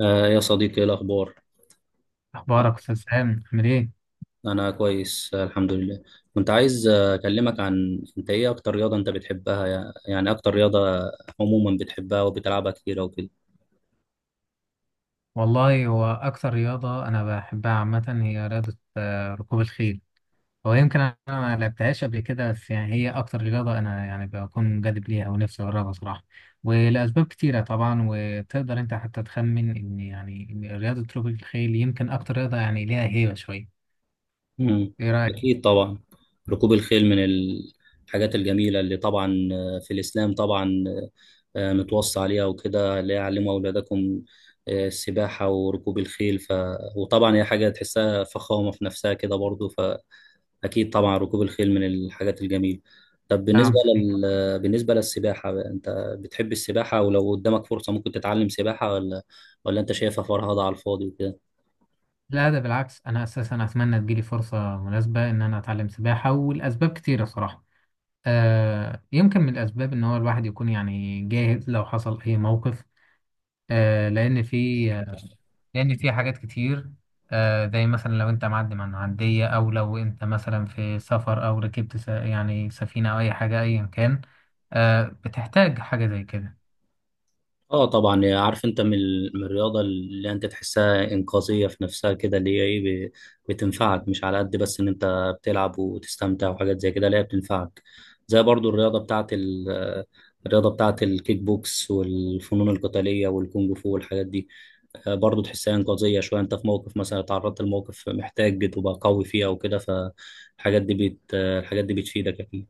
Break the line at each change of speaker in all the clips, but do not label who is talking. آه يا صديقي، ايه الاخبار؟
أخبارك أستاذ سام عامل إيه؟
انا كويس، الحمد لله. كنت عايز اكلمك عن انت ايه اكتر رياضه انت بتحبها، يعني اكتر رياضه عموما بتحبها وبتلعبها كتير وكده.
والله هو أكثر رياضة أنا بحبها عامة هي رياضة ركوب الخيل. هو يمكن أنا ما لعبتهاش قبل كده، بس يعني هي أكثر رياضة أنا يعني بكون منجذب ليها ونفسي أجربها صراحة. ولأسباب كتيرة طبعا، وتقدر أنت حتى تخمن إن يعني إن رياضة ركوب الخيل يمكن أكثر رياضة يعني ليها هيبة شوية.
امم
إيه رأيك؟
اكيد طبعا. ركوب الخيل من الحاجات الجميله اللي طبعا في الاسلام، طبعا متوصى عليها وكده، اللي هي علموا اولادكم السباحه وركوب الخيل، وطبعا هي حاجه تحسها فخامه في نفسها كده برضو. أكيد طبعا ركوب الخيل من الحاجات الجميلة. طب بالنسبة
نعم، صحيح.
لل... بالنسبة للسباحة بقى، أنت بتحب السباحة؟ ولو قدامك فرصة ممكن تتعلم سباحة، ولا أنت شايفها فرهضة على الفاضي وكده؟
لا، ده بالعكس، أنا أساسا أتمنى تجيلي فرصة مناسبة إن أنا أتعلم سباحة، والأسباب كتيرة صراحة. يمكن من الأسباب إن هو الواحد يكون يعني جاهز لو حصل أي موقف. آه، لأن في آه، لأن في حاجات كتير. زي مثلا لو أنت معدي من عندية، أو لو أنت مثلا في سفر، أو ركبت يعني سفينة أو أي حاجة أيا كان، بتحتاج حاجة زي كده.
اه طبعا. عارف انت من الرياضه اللي انت تحسها انقاذيه في نفسها كده، اللي هي ايه، بتنفعك، مش على قد بس ان انت بتلعب وتستمتع وحاجات زي كده، لا هي بتنفعك زي برضو الرياضه بتاعت الكيك بوكس والفنون القتاليه والكونج فو والحاجات دي. برضو تحسها انقاذيه شويه، انت في موقف مثلا اتعرضت لموقف محتاج تبقى قوي فيه او كده، فالحاجات دي الحاجات دي بتفيدك اكيد.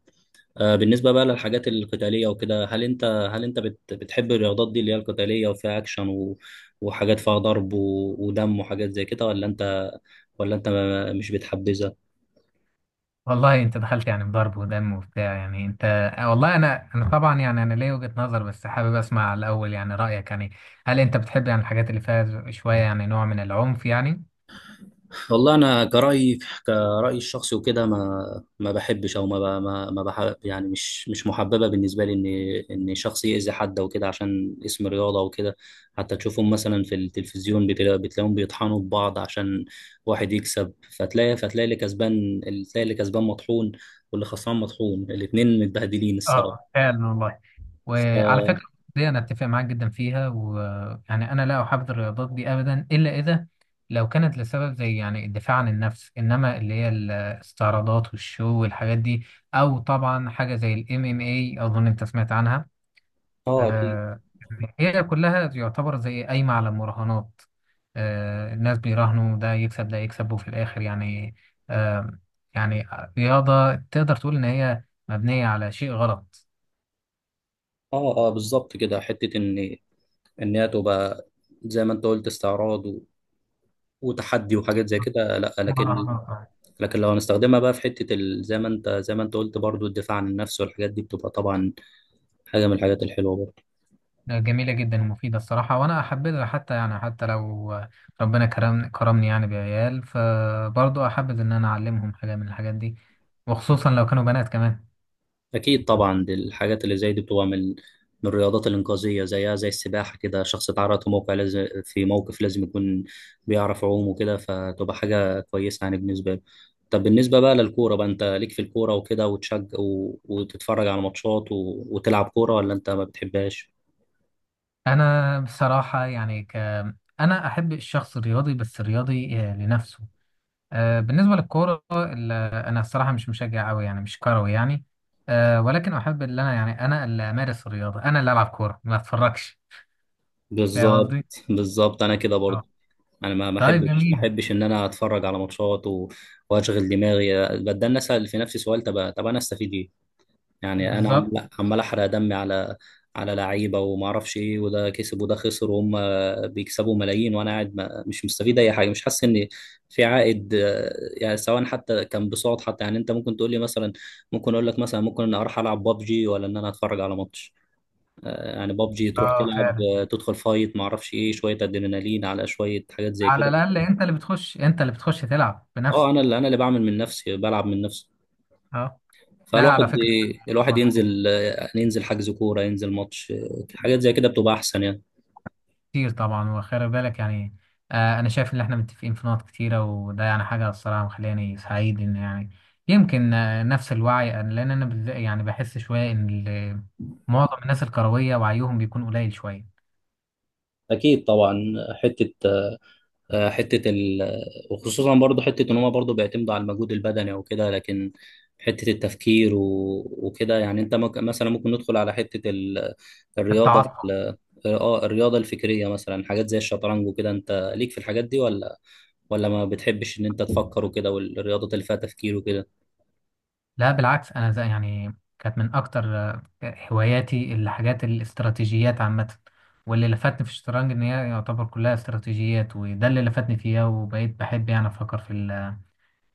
بالنسبة بقى للحاجات القتالية وكده، هل انت بتحب الرياضات دي اللي هي القتالية، وفيها اكشن، وحاجات فيها ضرب، ودم وحاجات زي كده، ولا انت مش بتحبذها؟
والله أنت دخلت يعني بضرب ودم وبتاع يعني أنت. والله أنا طبعا يعني أنا ليا وجهة نظر، بس حابب أسمع الأول يعني رأيك يعني. هل أنت بتحب يعني الحاجات اللي فيها شوية يعني نوع من العنف يعني؟
والله انا كرأيي، الشخصي وكده، ما بحبش او ما ب- ما ما بحب يعني، مش محببه بالنسبه لي ان شخص يأذي حد وكده عشان اسم رياضه وكده. حتى تشوفهم مثلا في التلفزيون بتلاقيهم بيطحنوا ببعض عشان واحد يكسب، فتلاقي اللي كسبان، تلاقي اللي كسبان مطحون، واللي خسران مطحون، الاتنين متبهدلين
اه،
الصراحه.
فعلا والله. وعلى فكرة
ف-
دي أنا أتفق معاك جدا فيها، ويعني أنا لا أحب الرياضات دي أبدا، إلا إذا لو كانت لسبب زي يعني الدفاع عن النفس، إنما اللي هي الاستعراضات والشو والحاجات دي، أو طبعا حاجة زي ال MMA، أظن أنت سمعت عنها.
اه اكيد.
آه، هي كلها يعتبر زي قايمة على المراهنات. الناس بيراهنوا ده يكسب ده يكسب، وفي الآخر يعني آه، يعني رياضة تقدر تقول إن هي مبنية على شيء غلط.
اه، اه بالظبط كده، حته ان هي تبقى زي ما انت قلت استعراض وتحدي وحاجات زي كده، لا، لكن
مراهنات.
لكن لو هنستخدمها بقى في زي ما انت قلت برضو، الدفاع عن النفس والحاجات دي بتبقى طبعا حاجة من الحاجات الحلوة برضو.
جميلة جدا ومفيدة الصراحة، وأنا أحبذها حتى يعني حتى لو ربنا كرم كرمني يعني بعيال، فبرضه أحبذ إن أنا أعلمهم حاجة من الحاجات دي، وخصوصا لو كانوا بنات كمان.
اكيد طبعا، دي الحاجات اللي زي دي بتبقى من الرياضات الإنقاذية، زيها زي السباحة كده، شخص اتعرض في موقع لازم، في موقف لازم يكون بيعرف يعوم وكده، فتبقى حاجة كويسة يعني بالنسبة له. طب بالنسبة بقى للكورة بقى، انت ليك في الكورة وكده وتشجع وتتفرج على ماتشات وتلعب كورة، ولا انت ما بتحبهاش؟
أنا بصراحة يعني أنا أحب الشخص الرياضي، بس الرياضي لنفسه. بالنسبة للكورة أنا الصراحة مش مشجع أوي، يعني مش كروي يعني. ولكن أحب إن أنا يعني أنا اللي أمارس الرياضة، أنا اللي ألعب كورة ما أتفرجش. فاهم
بالظبط.
قصدي؟
بالظبط انا كده
آه.
برضو، انا ما ما
طيب
احبش ما
جميل.
احبش ان انا اتفرج على ماتشات واشغل دماغي بتدنى، اسال في نفسي سؤال، طب انا استفيد ايه؟ يعني انا
بالظبط.
عمال احرق دمي على لعيبه وما اعرفش ايه، وده كسب وده خسر، وهم بيكسبوا ملايين، وانا قاعد ما... مش مستفيد اي حاجه، مش حاسس ان في عائد. يعني سواء حتى كان بصوت، حتى يعني انت ممكن تقول لي مثلا، ممكن اقول لك مثلا ممكن ان اروح العب بابجي ولا ان انا اتفرج على ماتش. يعني بابجي تروح
اه،
تلعب،
فعلا.
تدخل فايت ما اعرفش ايه، شويه ادرينالين على شويه حاجات زي
على
كده.
الاقل انت اللي بتخش تلعب
اه،
بنفسك.
انا اللي بعمل من نفسي، بلعب من نفسي.
اه. لا، على
فالواحد
فكره. انا
الواحد
مبسوط
ينزل حجز كوره، ينزل ماتش، حاجات زي كده بتبقى احسن يعني.
كتير طبعا، وخلي بالك يعني. انا شايف ان احنا متفقين في نقط كتيره، وده يعني حاجه الصراحه مخلاني سعيد ان يعني يمكن نفس الوعي لان انا بالذات يعني بحس شويه ان معظم الناس الكرويه وعيهم بيكون قليل شويه.
اكيد طبعا، حته حته ال... وخصوصا برضو حته ان هما برضو بيعتمدوا على المجهود البدني او كده، لكن حته التفكير وكده، يعني انت ممكن مثلا، ممكن ندخل على الرياضه
التعصب.
ال... اه الرياضه الفكريه مثلا، حاجات زي الشطرنج وكده. انت ليك في الحاجات دي، ولا ما بتحبش ان انت تفكر وكده، والرياضات اللي فيها تفكير وكده؟
لا، بالعكس، انا زي يعني كانت من اكتر هواياتي الحاجات الاستراتيجيات عامه. واللي لفتني في الشطرنج ان هي يعتبر كلها استراتيجيات، وده اللي لفتني فيها، وبقيت بحب يعني افكر في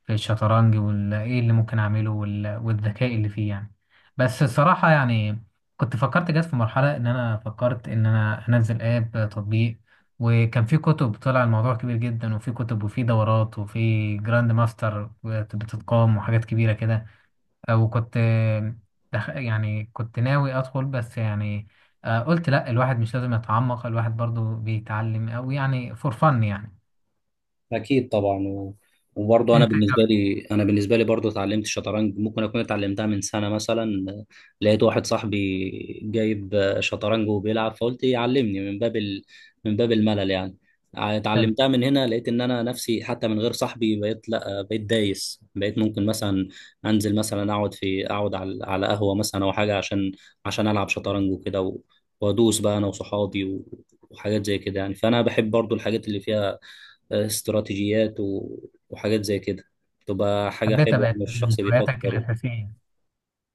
في الشطرنج وايه اللي ممكن اعمله والذكاء اللي فيه يعني. بس الصراحه يعني كنت فكرت جت في مرحله ان انا فكرت ان انا انزل اب تطبيق. وكان في كتب، طلع الموضوع كبير جدا، وفي كتب وفي دورات وفي جراند ماستر بتتقام وحاجات كبيره كده. وكنت يعني كنت ناوي ادخل، بس يعني قلت لا الواحد مش لازم يتعمق، الواحد برضو بيتعلم او يعني فور فن يعني.
اكيد طبعا، وبرضه انا
انت
بالنسبه
إيه
لي انا بالنسبه لي برضه اتعلمت الشطرنج. ممكن اكون اتعلمتها من سنه مثلا، لقيت واحد صاحبي جايب شطرنج وبيلعب، فقلت يعلمني من باب الملل يعني،
رأيك؟
اتعلمتها من هنا. لقيت ان انا نفسي حتى من غير صاحبي بقيت، لا، بقيت دايس، بقيت ممكن مثلا انزل مثلا، اقعد على قهوه مثلا او حاجه، عشان العب شطرنج وكده، وادوس بقى انا وصحابي وحاجات زي كده يعني. فانا بحب برضو الحاجات اللي فيها استراتيجيات وحاجات زي كده، تبقى حاجة
حبيت
حلوة
ابقى
يعني، الشخص
هواياتك
بيفكر.
الاساسيه.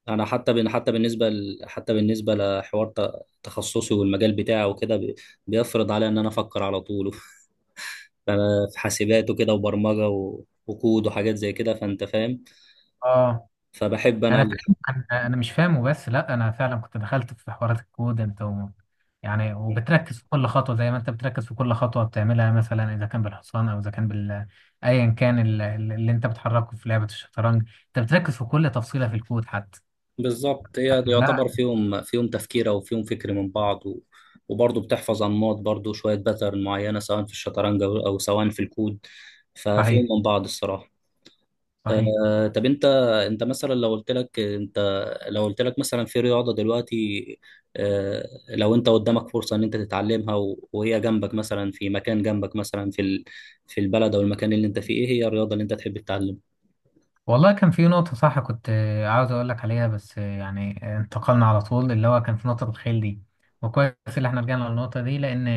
أنا حتى حتى حتى بالنسبة لحوار تخصصي والمجال بتاعه وكده، بيفرض عليا إن أنا أفكر على طول فأنا في حاسبات وكده وبرمجة وكود وحاجات زي كده، فأنت فاهم.
اه،
فبحب أنا
انا فاهم. انا مش فاهمه، بس لا انا فعلا كنت دخلت في حوارات الكود انت و... يعني وبتركز في كل خطوه زي ما انت بتركز في كل خطوه بتعملها، مثلا اذا كان بالحصان او اذا كان بال، ايا كان اللي انت بتحركه في لعبه الشطرنج، انت بتركز في كل تفصيله في الكود حتى.
بالظبط، هي
لا.
يعتبر فيهم تفكير أو فيهم فكر من بعض، وبرضه بتحفظ أنماط برضه، شوية باترن معينة، سواء في الشطرنج أو سواء في الكود، ففيهم
صحيح.
من بعض الصراحة.
صحيح.
طب انت مثلا لو قلت لك مثلا في رياضة دلوقتي، لو انت قدامك فرصة ان انت تتعلمها وهي جنبك مثلا في مكان جنبك مثلا في البلد او المكان اللي انت فيه، ايه هي الرياضة اللي انت تحب تتعلمها؟
والله كان في نقطة صح، كنت عاوز أقول لك عليها، بس يعني انتقلنا على طول، اللي هو كان في نقطة الخيل دي، وكويس اللي احنا رجعنا للنقطة دي، لأن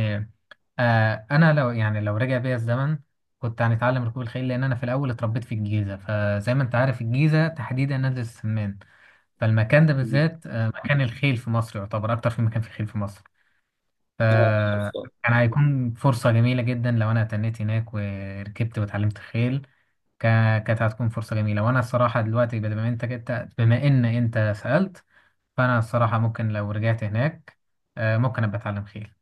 أنا لو يعني لو رجع بيا الزمن كنت هنتعلم ركوب الخيل، لأن أنا في الأول اتربيت في الجيزة، فزي ما أنت عارف الجيزة تحديدا نادي السمان، فالمكان ده
مم.
بالذات مكان الخيل في مصر، يعتبر أكتر في مكان في الخيل في مصر.
آه،
فكان
عارفها.
هيكون فرصة جميلة جدا لو أنا تنيت هناك وركبت واتعلمت خيل. كانت هتكون فرصة جميلة، وأنا الصراحة دلوقتي بما إنك أنت كنت بما إن أنت سألت، فأنا الصراحة ممكن لو رجعت هناك ممكن أبقى أتعلم خيل.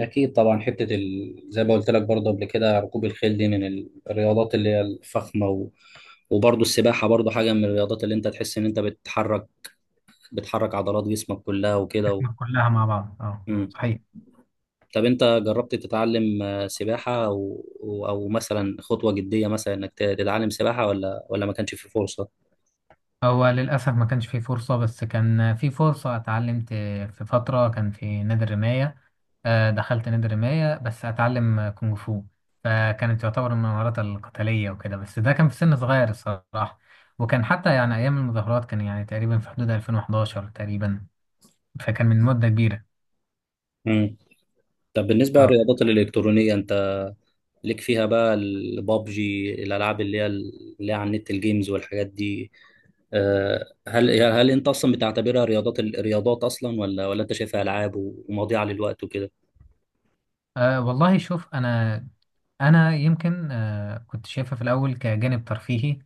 أكيد طبعا، زي ما قلت لك برضه قبل كده، ركوب الخيل دي من الرياضات اللي هي الفخمة، وبرضه السباحة برضه حاجة من الرياضات اللي انت تحس ان انت بتحرك عضلات جسمك كلها وكده
إحنا كلها مع بعض، أه
مم.
صحيح.
طب انت جربت تتعلم سباحة، او او أو مثلا خطوة جدية، مثلا انك تتعلم سباحة، ولا ما كانش في فرصة؟
هو للأسف ما كانش فيه فرصة، بس كان في فرصة اتعلمت. في فترة كان في نادي الرماية، دخلت نادي الرماية بس أتعلم كونغ فو. فكانت تعتبر من المهارات القتالية وكده، بس ده كان في سن صغير الصراحة. وكان حتى يعني أيام المظاهرات، كان يعني تقريبا في حدود 2011 تقريبا، فكان من مدة كبيرة.
مم. طب بالنسبة
اه.
للرياضات الإلكترونية، انت ليك فيها بقى، البابجي، الألعاب اللي هي على النت، الجيمز والحاجات دي، هل انت اصلا بتعتبرها رياضات، الرياضات اصلا، ولا انت شايفها ألعاب ومضيعة للوقت وكده؟
والله شوف انا انا يمكن كنت شايفها في الاول كجانب ترفيهي.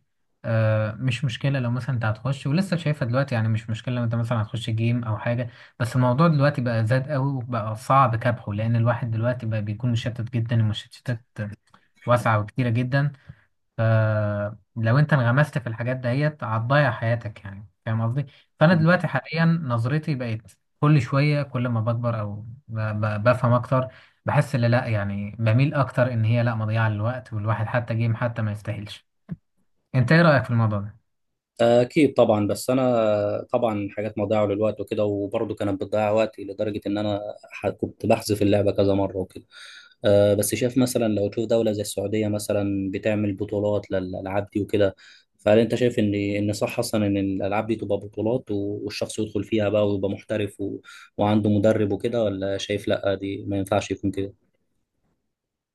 مش مشكلة لو مثلا انت هتخش ولسه شايفها دلوقتي، يعني مش مشكلة لو انت مثلا هتخش جيم او حاجة. بس الموضوع دلوقتي بقى زاد قوي، وبقى صعب كبحه، لان الواحد دلوقتي بقى بيكون مشتت جدا، المشتتات واسعة وكتيرة جدا. فلو انت انغمست في الحاجات ديت هتضيع حياتك، يعني فاهم قصدي. فانا دلوقتي حاليا نظرتي بقت كل شويه، كل ما بكبر او بفهم اكتر، بحس ان لا يعني بميل اكتر ان هي لا مضيعه للوقت، والواحد حتى جيم حتى ما يستاهلش. انت ايه رايك في الموضوع ده؟
أكيد طبعا، بس أنا طبعا حاجات مضيعة للوقت وكده، وبرضه كانت بتضيع وقتي لدرجة إن أنا كنت بحذف اللعبة كذا مرة وكده. أه بس شايف مثلا لو تشوف دولة زي السعودية مثلا بتعمل بطولات للألعاب دي وكده، فهل أنت شايف إن صح أصلا إن الألعاب دي تبقى بطولات، والشخص يدخل فيها بقى ويبقى محترف وعنده مدرب وكده، ولا شايف لأ دي ما ينفعش يكون كده؟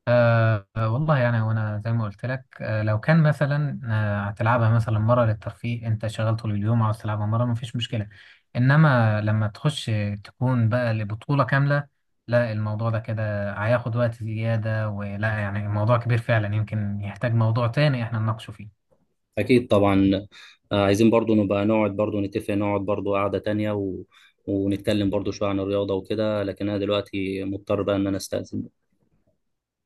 أه، والله يعني وانا زي ما قلت لك أه لو كان مثلا هتلعبها مثلا مره للترفيه، انت شغال طول اليوم عاوز تلعبها مره، مفيش مشكله. انما لما تخش تكون بقى لبطوله كامله، لا الموضوع ده كده هياخد وقت زياده، ولا يعني الموضوع كبير فعلا، يمكن يحتاج موضوع تاني احنا نناقشه فيه.
أكيد طبعا. عايزين برضو نبقى نقعد برضو نتفق، نقعد برضو قعدة تانية ونتكلم برضو شوية عن الرياضة وكده، لكن أنا دلوقتي مضطر بقى إن أنا أستأذن.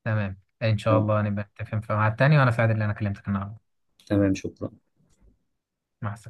تمام، ان شاء الله نبقى نتفق في ميعاد تاني، وانا سعيد ان انا كلمتك النهارده.
تمام شكرا
مع السلامه.